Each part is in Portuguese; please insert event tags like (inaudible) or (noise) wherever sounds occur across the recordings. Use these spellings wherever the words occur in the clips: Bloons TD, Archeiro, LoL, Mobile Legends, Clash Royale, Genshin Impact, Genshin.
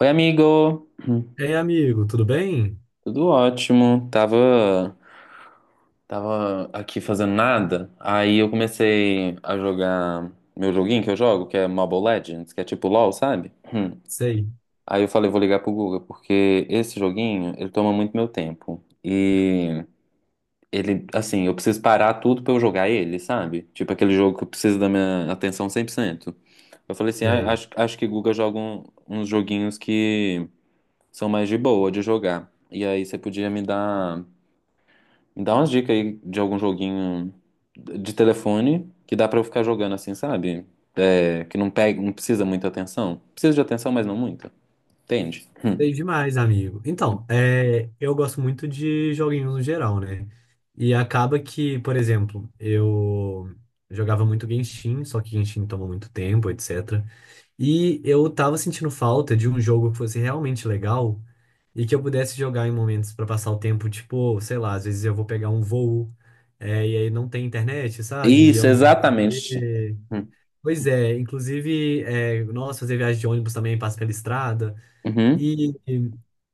Oi, amigo. Ei, amigo, tudo bem? Tudo ótimo. Tava aqui fazendo nada. Aí eu comecei a jogar meu joguinho que eu jogo, que é Mobile Legends, que é tipo LoL, sabe? Hum. Sei, Aí eu falei, vou ligar pro Guga, porque esse joguinho, ele toma muito meu tempo. E ele, assim, eu preciso parar tudo pra eu jogar ele, sabe? Tipo aquele jogo que eu preciso da minha atenção 100%. Eu falei assim, ah, sei. acho que Guga joga uns joguinhos que são mais de boa de jogar. E aí você podia me dá umas dicas aí de algum joguinho de telefone que dá pra eu ficar jogando assim, sabe? É, que não pega, não precisa muita atenção. Precisa de atenção, mas não muita. Entende? Hum. Sei demais, amigo. Então, é, eu gosto muito de joguinhos no geral, né? E acaba que, por exemplo, eu jogava muito Genshin, só que Genshin toma muito tempo, etc. E eu tava sentindo falta de um jogo que fosse realmente legal e que eu pudesse jogar em momentos pra passar o tempo, tipo, sei lá, às vezes eu vou pegar um voo, é, e aí não tem internet, sabe? E Isso, eu não tenho o que exatamente. fazer. Hum. Pois é, inclusive, é, nossa, fazer viagem de ônibus também passa pela estrada. Uhum. E,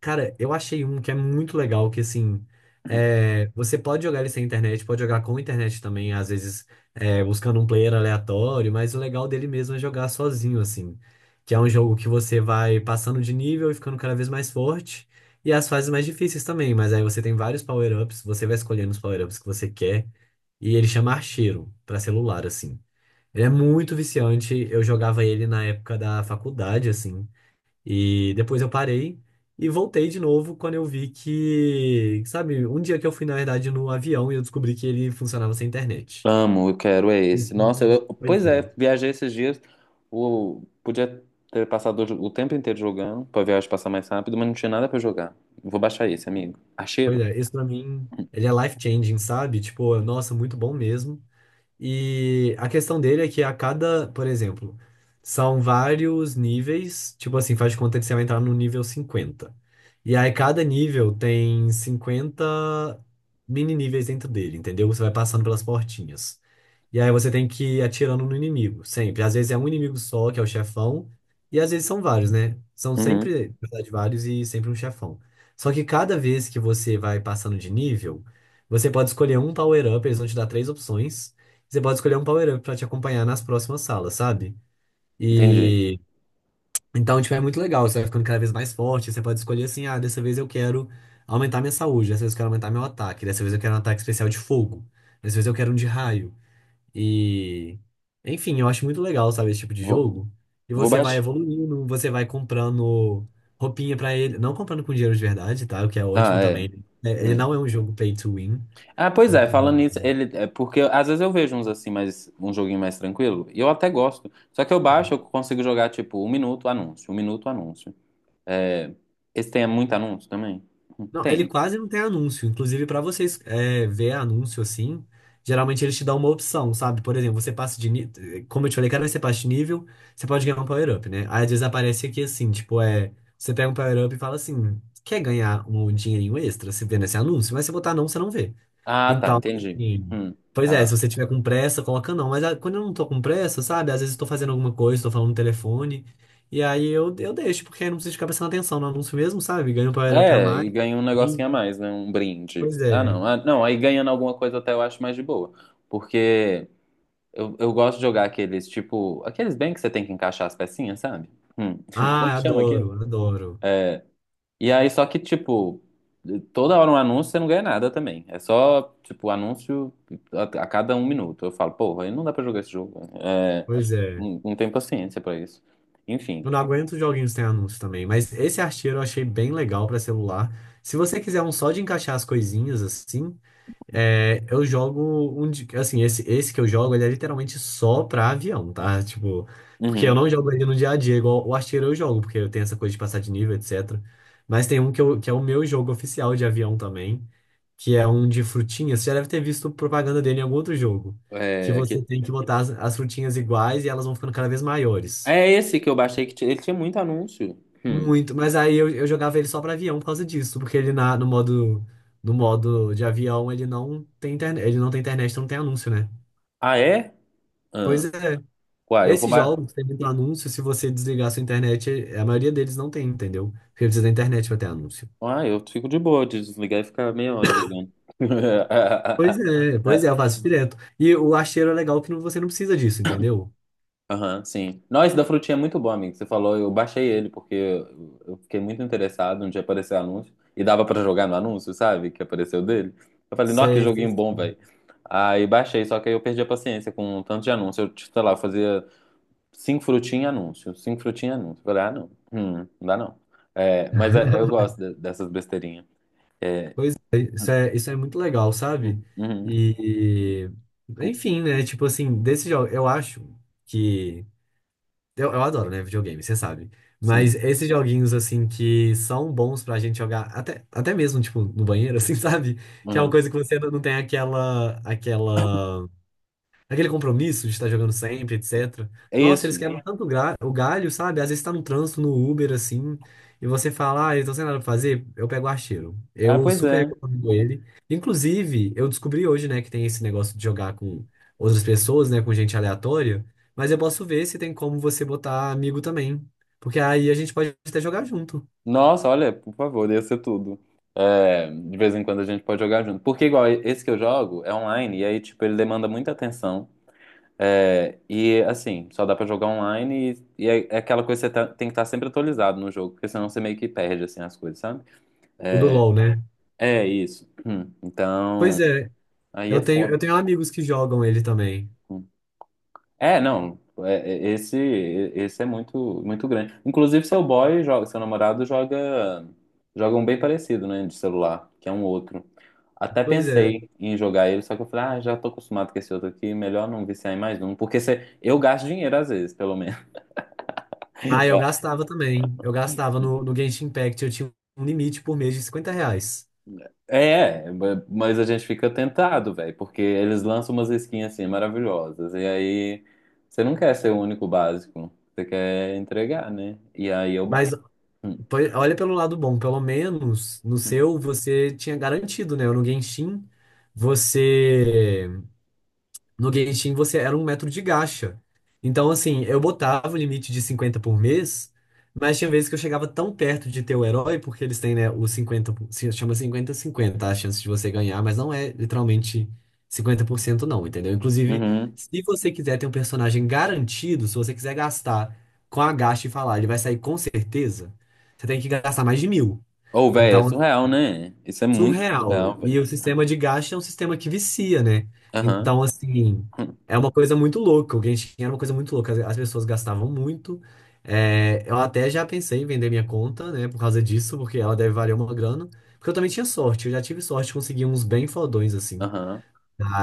cara, eu achei um que é muito legal, que assim, é, você pode jogar ele sem internet, pode jogar com internet também, às vezes é, buscando um player aleatório, mas o legal dele mesmo é jogar sozinho, assim. Que é um jogo que você vai passando de nível e ficando cada vez mais forte. E as fases mais difíceis também, mas aí você tem vários power-ups, você vai escolhendo os power-ups que você quer. E ele chama Archeiro, pra celular, assim. Ele é muito viciante. Eu jogava ele na época da faculdade, assim. E depois eu parei e voltei de novo quando eu vi que, sabe, um dia que eu fui, na verdade, no avião e eu descobri que ele funcionava sem internet. Amo, eu quero é esse. Nossa, Isso, pois pois é, é. viajei esses dias. O, podia ter passado o tempo inteiro jogando pra viagem passar mais rápido, mas não tinha nada pra jogar. Vou baixar esse, amigo. Pois Acheiro? é, isso pra mim, ele é life-changing, sabe? Tipo, nossa, muito bom mesmo. E a questão dele é que a cada, por exemplo, são vários níveis, tipo assim, faz de conta que você vai entrar no nível 50. E aí cada nível tem 50 mini níveis dentro dele, entendeu? Você vai passando pelas portinhas. E aí você tem que ir atirando no inimigo, sempre. Às vezes é um inimigo só, que é o chefão, e às vezes são vários, né? São Uhum. sempre, na verdade, vários e sempre um chefão. Só que cada vez que você vai passando de nível, você pode escolher um power-up, eles vão te dar três opções. Você pode escolher um power-up pra te acompanhar nas próximas salas, sabe? Entendi. E então, tipo, é muito legal, você vai ficando cada vez mais forte, você pode escolher assim, ah, dessa vez eu quero aumentar minha saúde, dessa vez eu quero aumentar meu ataque, dessa vez eu quero um ataque especial de fogo, dessa vez eu quero um de raio. E, enfim, eu acho muito legal, sabe, esse tipo de Vou, jogo. E vou você vai baixar. evoluindo, você vai comprando roupinha pra ele, não comprando com dinheiro de verdade, tá? O que é ótimo Ah, é. também. É, ele Hum. não é um jogo pay to win, Ah, pois é, então. falando nisso, ele, é porque às vezes eu vejo uns assim, mais, um joguinho mais tranquilo, e eu até gosto. Só que eu baixo, eu consigo jogar tipo 1 minuto anúncio, 1 minuto anúncio. É, esse tem muito anúncio também? Não, ele Tem. quase não tem anúncio. Inclusive, para vocês é, ver anúncio assim, geralmente eles te dão uma opção, sabe? Por exemplo, você passa de nível. Como eu te falei, cada vez que você passa de nível, você pode ganhar um power-up, né? Aí às vezes aparece aqui assim, tipo, é. Você pega um power-up e fala assim: quer ganhar um dinheirinho extra? Você vê nesse anúncio, mas se botar não, você não vê. Ah, tá, Então, entendi. assim, Hum, pois é, ah, se você tiver com pressa, coloca não. Mas ah, quando eu não tô com pressa, sabe? Às vezes eu tô fazendo alguma coisa, tô falando no telefone. E aí eu deixo, porque aí não preciso ficar prestando atenção no anúncio mesmo, sabe? Ganho um power up a é, mais. e ganha um E- negocinho a mais, né? Um brinde. Pois Ah, é. não. Ah, não, aí ganhando alguma coisa até eu acho mais de boa. Porque eu gosto de jogar aqueles, tipo, aqueles bem que você tem que encaixar as pecinhas, sabe? Hum, (laughs) Como Ah, que chama adoro, aquilo? adoro. É, e aí, só que, tipo, toda hora um anúncio, você não ganha nada também. É só, tipo, anúncio a cada 1 minuto. Eu falo, porra, aí não dá pra jogar esse jogo. É, Pois é. não, não tenho paciência pra isso. Enfim. Eu não aguento os joguinhos sem anúncio também. Mas esse arteiro eu achei bem legal pra celular. Se você quiser um só de encaixar as coisinhas assim. É, eu jogo um de, assim, esse que eu jogo, ele é literalmente só pra avião, tá? Tipo, porque eu Uhum. não jogo ele no dia a dia, igual o artilheiro eu jogo, porque eu tenho essa coisa de passar de nível, etc. Mas tem um que, eu, que é o meu jogo oficial de avião também, que é um de frutinhas. Você já deve ter visto propaganda dele em algum outro jogo, que É, você tem que botar as frutinhas iguais e elas vão ficando cada vez maiores. é esse que eu baixei, ele tinha muito anúncio. Hum. Muito, mas aí eu jogava ele só pra avião por causa disso, porque ele na, no modo, no modo de avião ele não tem internet, ele não tem internet, então não tem anúncio, né? Ah, é? Pois Ah. é. Uai, eu vou... Esses jogos têm muito anúncio, se você desligar sua internet, a maioria deles não tem, entendeu? Porque precisa da internet pra ter anúncio. Ah, eu fico de boa de desligar e ficar meia hora jogando. Pois é, eu (laughs) faço direto. E o Acheiro é legal que você não precisa disso, entendeu? Aham, sim. Nós da frutinha é muito bom, amigo. Você falou, eu baixei ele porque eu fiquei muito interessado onde apareceu o anúncio e dava pra jogar no anúncio, sabe? Que apareceu dele. Eu falei, nossa, que Sei, sei. joguinho bom, velho. Aí baixei, só que aí eu perdi a paciência com o tanto de anúncio. Eu, tipo, sei lá, eu fazia cinco frutinhas anúncio, cinco frutinhas anúncio. Eu falei, ah, não, não dá não. É, mas eu (laughs) gosto dessas besteirinhas. É, Pois é, hum, isso é, isso é muito legal, sabe? Uhum, E, pu- enfim, né? Tipo assim, desse jogo, eu acho que eu adoro, né, videogame, você sabe. Mas sim. esses joguinhos, assim, que são bons pra gente jogar, até, até mesmo, tipo, no banheiro, assim, (laughs) sabe? Que é uma Uhum. coisa que você não tem aquela, aquele compromisso de estar jogando sempre, etc. É Nossa, eles isso. quebram. Sim, tanto o galho, sabe? Às vezes tá no trânsito, no Uber, assim, e você fala, ah, eu tô sem nada pra fazer, eu pego o archeiro. Ah, Eu pois super é. recomendo ele. Inclusive, eu descobri hoje, né, que tem esse negócio de jogar com outras pessoas, né, com gente aleatória, mas eu posso ver se tem como você botar amigo também. Porque aí a gente pode até jogar junto. Nossa, olha, por favor, ia ser tudo. É, de vez em quando a gente pode jogar junto. Porque, igual, esse que eu jogo é online, e aí, tipo, ele demanda muita atenção. É, e, assim, só dá pra jogar online, e é aquela coisa que tem que estar sempre atualizado no jogo, porque senão você meio que perde, assim, as coisas, sabe? O do LoL, né? É isso. Então, Pois é, aí é eu foda. tenho amigos que jogam ele também. Hum. É, não. é- é- Esse, esse é muito, muito grande. Inclusive, seu boy joga, seu namorado joga, joga um bem parecido, né, de celular, que é um outro. Até Pois é. pensei em jogar ele, só que eu falei, ah, já tô acostumado com esse outro aqui, melhor não viciar em mais um, porque eu gasto dinheiro às vezes, pelo menos. Ah, eu (laughs) gastava também. Eu gastava no Genshin Impact. Eu tinha um limite por mês de R$ 50. Mas a gente fica tentado, velho, porque eles lançam umas skins assim maravilhosas, e aí você não quer ser o único básico, você quer entregar, né? E aí eu Mas bato. Olha pelo lado bom, pelo menos no seu (laughs) você tinha garantido, né? No Genshin você. No Genshin você era um metro de gacha. Então, assim, eu botava o limite de 50 por mês, mas tinha vezes que eu chegava tão perto de ter o herói, porque eles têm, né, o se chama 50 50 tá? A chance de você ganhar, mas não é literalmente 50% não, entendeu? Inclusive, Uhum. se você quiser ter um personagem garantido, se você quiser gastar com a gacha e falar, ele vai sair com certeza, você tem que gastar mais de mil. Ou, velho, é Então, surreal, né? Isso é muito surreal. surreal, E velho. o sistema de gasto é um sistema que vicia, né? Aham. Então, assim, Hum, é uma coisa muito louca. O Genshin era uma coisa muito louca. As pessoas gastavam muito. É, eu até já pensei em vender minha conta, né? Por causa disso, porque ela deve valer uma grana. Porque eu também tinha sorte. Eu já tive sorte de conseguir uns bem fodões, assim. aham.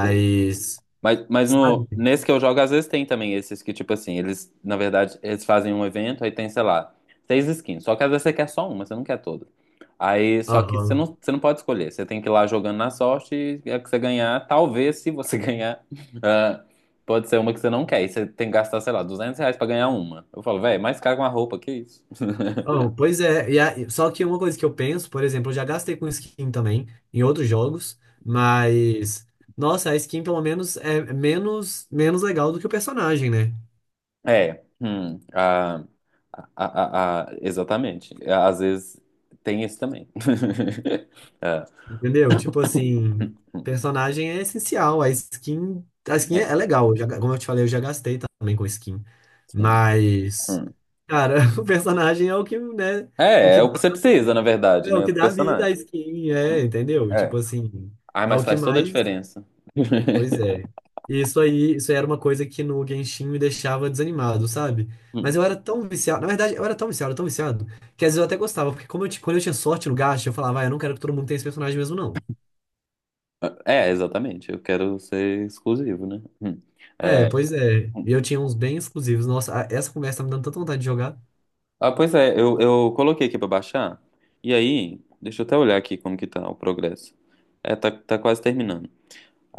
O- mas no, sabe? nesse que eu jogo, às vezes tem também esses que, tipo assim, eles, na verdade, eles fazem um evento, aí tem, sei lá, seis skins. Só que às vezes você quer só uma, você não quer todas. Aí, só que você Aham. não, você não pode escolher. Você tem que ir lá jogando na sorte e a que você ganhar, talvez, se você (laughs) ganhar, ah, pode ser uma que você não quer. E você tem que gastar, sei lá, R$ 200 pra ganhar uma. Eu falo, velho, mais caro que uma roupa, que isso? Oh, pois é, e só que uma coisa que eu penso, por exemplo, eu já gastei com skin também em outros jogos, mas nossa, a skin pelo menos é menos legal do que o personagem, né? É, exatamente. É, às vezes tem isso também. (laughs) Ah, Entendeu? Tipo assim, personagem é essencial, a skin é, é, é legal, eu já, como eu te falei, eu já gastei também com skin, sim. mas Hum. cara, (laughs) o personagem é o que, né, o É que o que dá, você precisa, na verdade, é o né, que do dá vida à personagem. skin, é, Hum, entendeu? Tipo É. assim, Ah, é o mas que faz toda a mais. diferença. Pois (laughs) é. E isso aí, isso aí era uma coisa que no Genshin me deixava desanimado, sabe? Mas Hum. eu era tão viciado, na verdade, eu era tão viciado, que às vezes eu até gostava, porque como quando eu tinha sorte no gacha, eu falava, ah, eu não quero que todo mundo tenha esse personagem mesmo, não. É, exatamente. Eu quero ser exclusivo, né? Hum. É, É. pois é. E eu tinha uns bem exclusivos. Nossa, essa conversa tá me dando tanta vontade de jogar. Ah, pois é, eu coloquei aqui pra baixar. E aí, deixa eu até olhar aqui como que tá o progresso. É, tá quase terminando.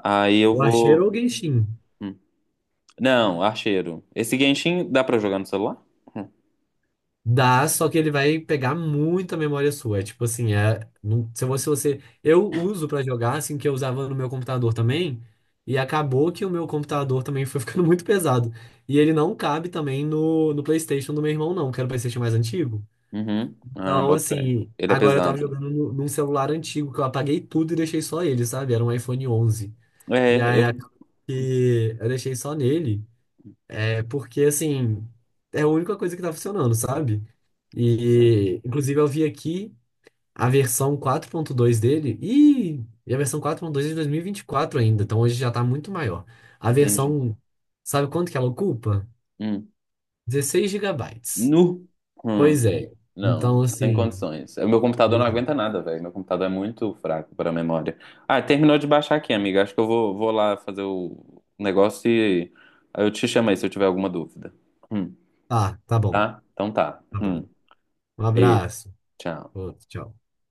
Aí eu O vou. Archeiro ou o Genshin? hum, Não, archeiro. Esse Genshin dá pra jogar no celular? Hum. Dá, só que ele vai pegar muita memória sua. É tipo assim, é. Não- se você, você. Eu uso pra jogar, assim, que eu usava no meu computador também. E acabou que o meu computador também foi (laughs) ficando muito pesado. E ele não cabe também no PlayStation do meu irmão, não, que era o PlayStation mais antigo. Uhum. Ah, Então, bota fé. assim, Ele é agora eu tava pesado. jogando num celular antigo que eu apaguei tudo e deixei só ele, sabe? Era um iPhone 11. E É, aí eu. acabou que eu deixei só nele. É porque, assim, é a única coisa que tá funcionando, sabe? Pois é, E, inclusive, eu vi aqui a versão 4.2 dele e a versão 4.2 é de dois mil e vinte e quatro ainda, então hoje já tá muito maior. A entendi. versão, sabe quanto que ela ocupa? Hum. 16 GB. Nu. Hum. Pois é. Então, Não, sem assim, condições. O meu computador não aguenta é. nada, velho. Meu computador é muito fraco para memória. Ah, terminou de baixar aqui, amiga. Acho que eu vou lá fazer o negócio e aí eu te chamo aí se eu tiver alguma dúvida. Hum. Tá, tá bom, Tá? Então tá. tá bom. Hum. Um Beijo. abraço. Tchau. Outro, tchau.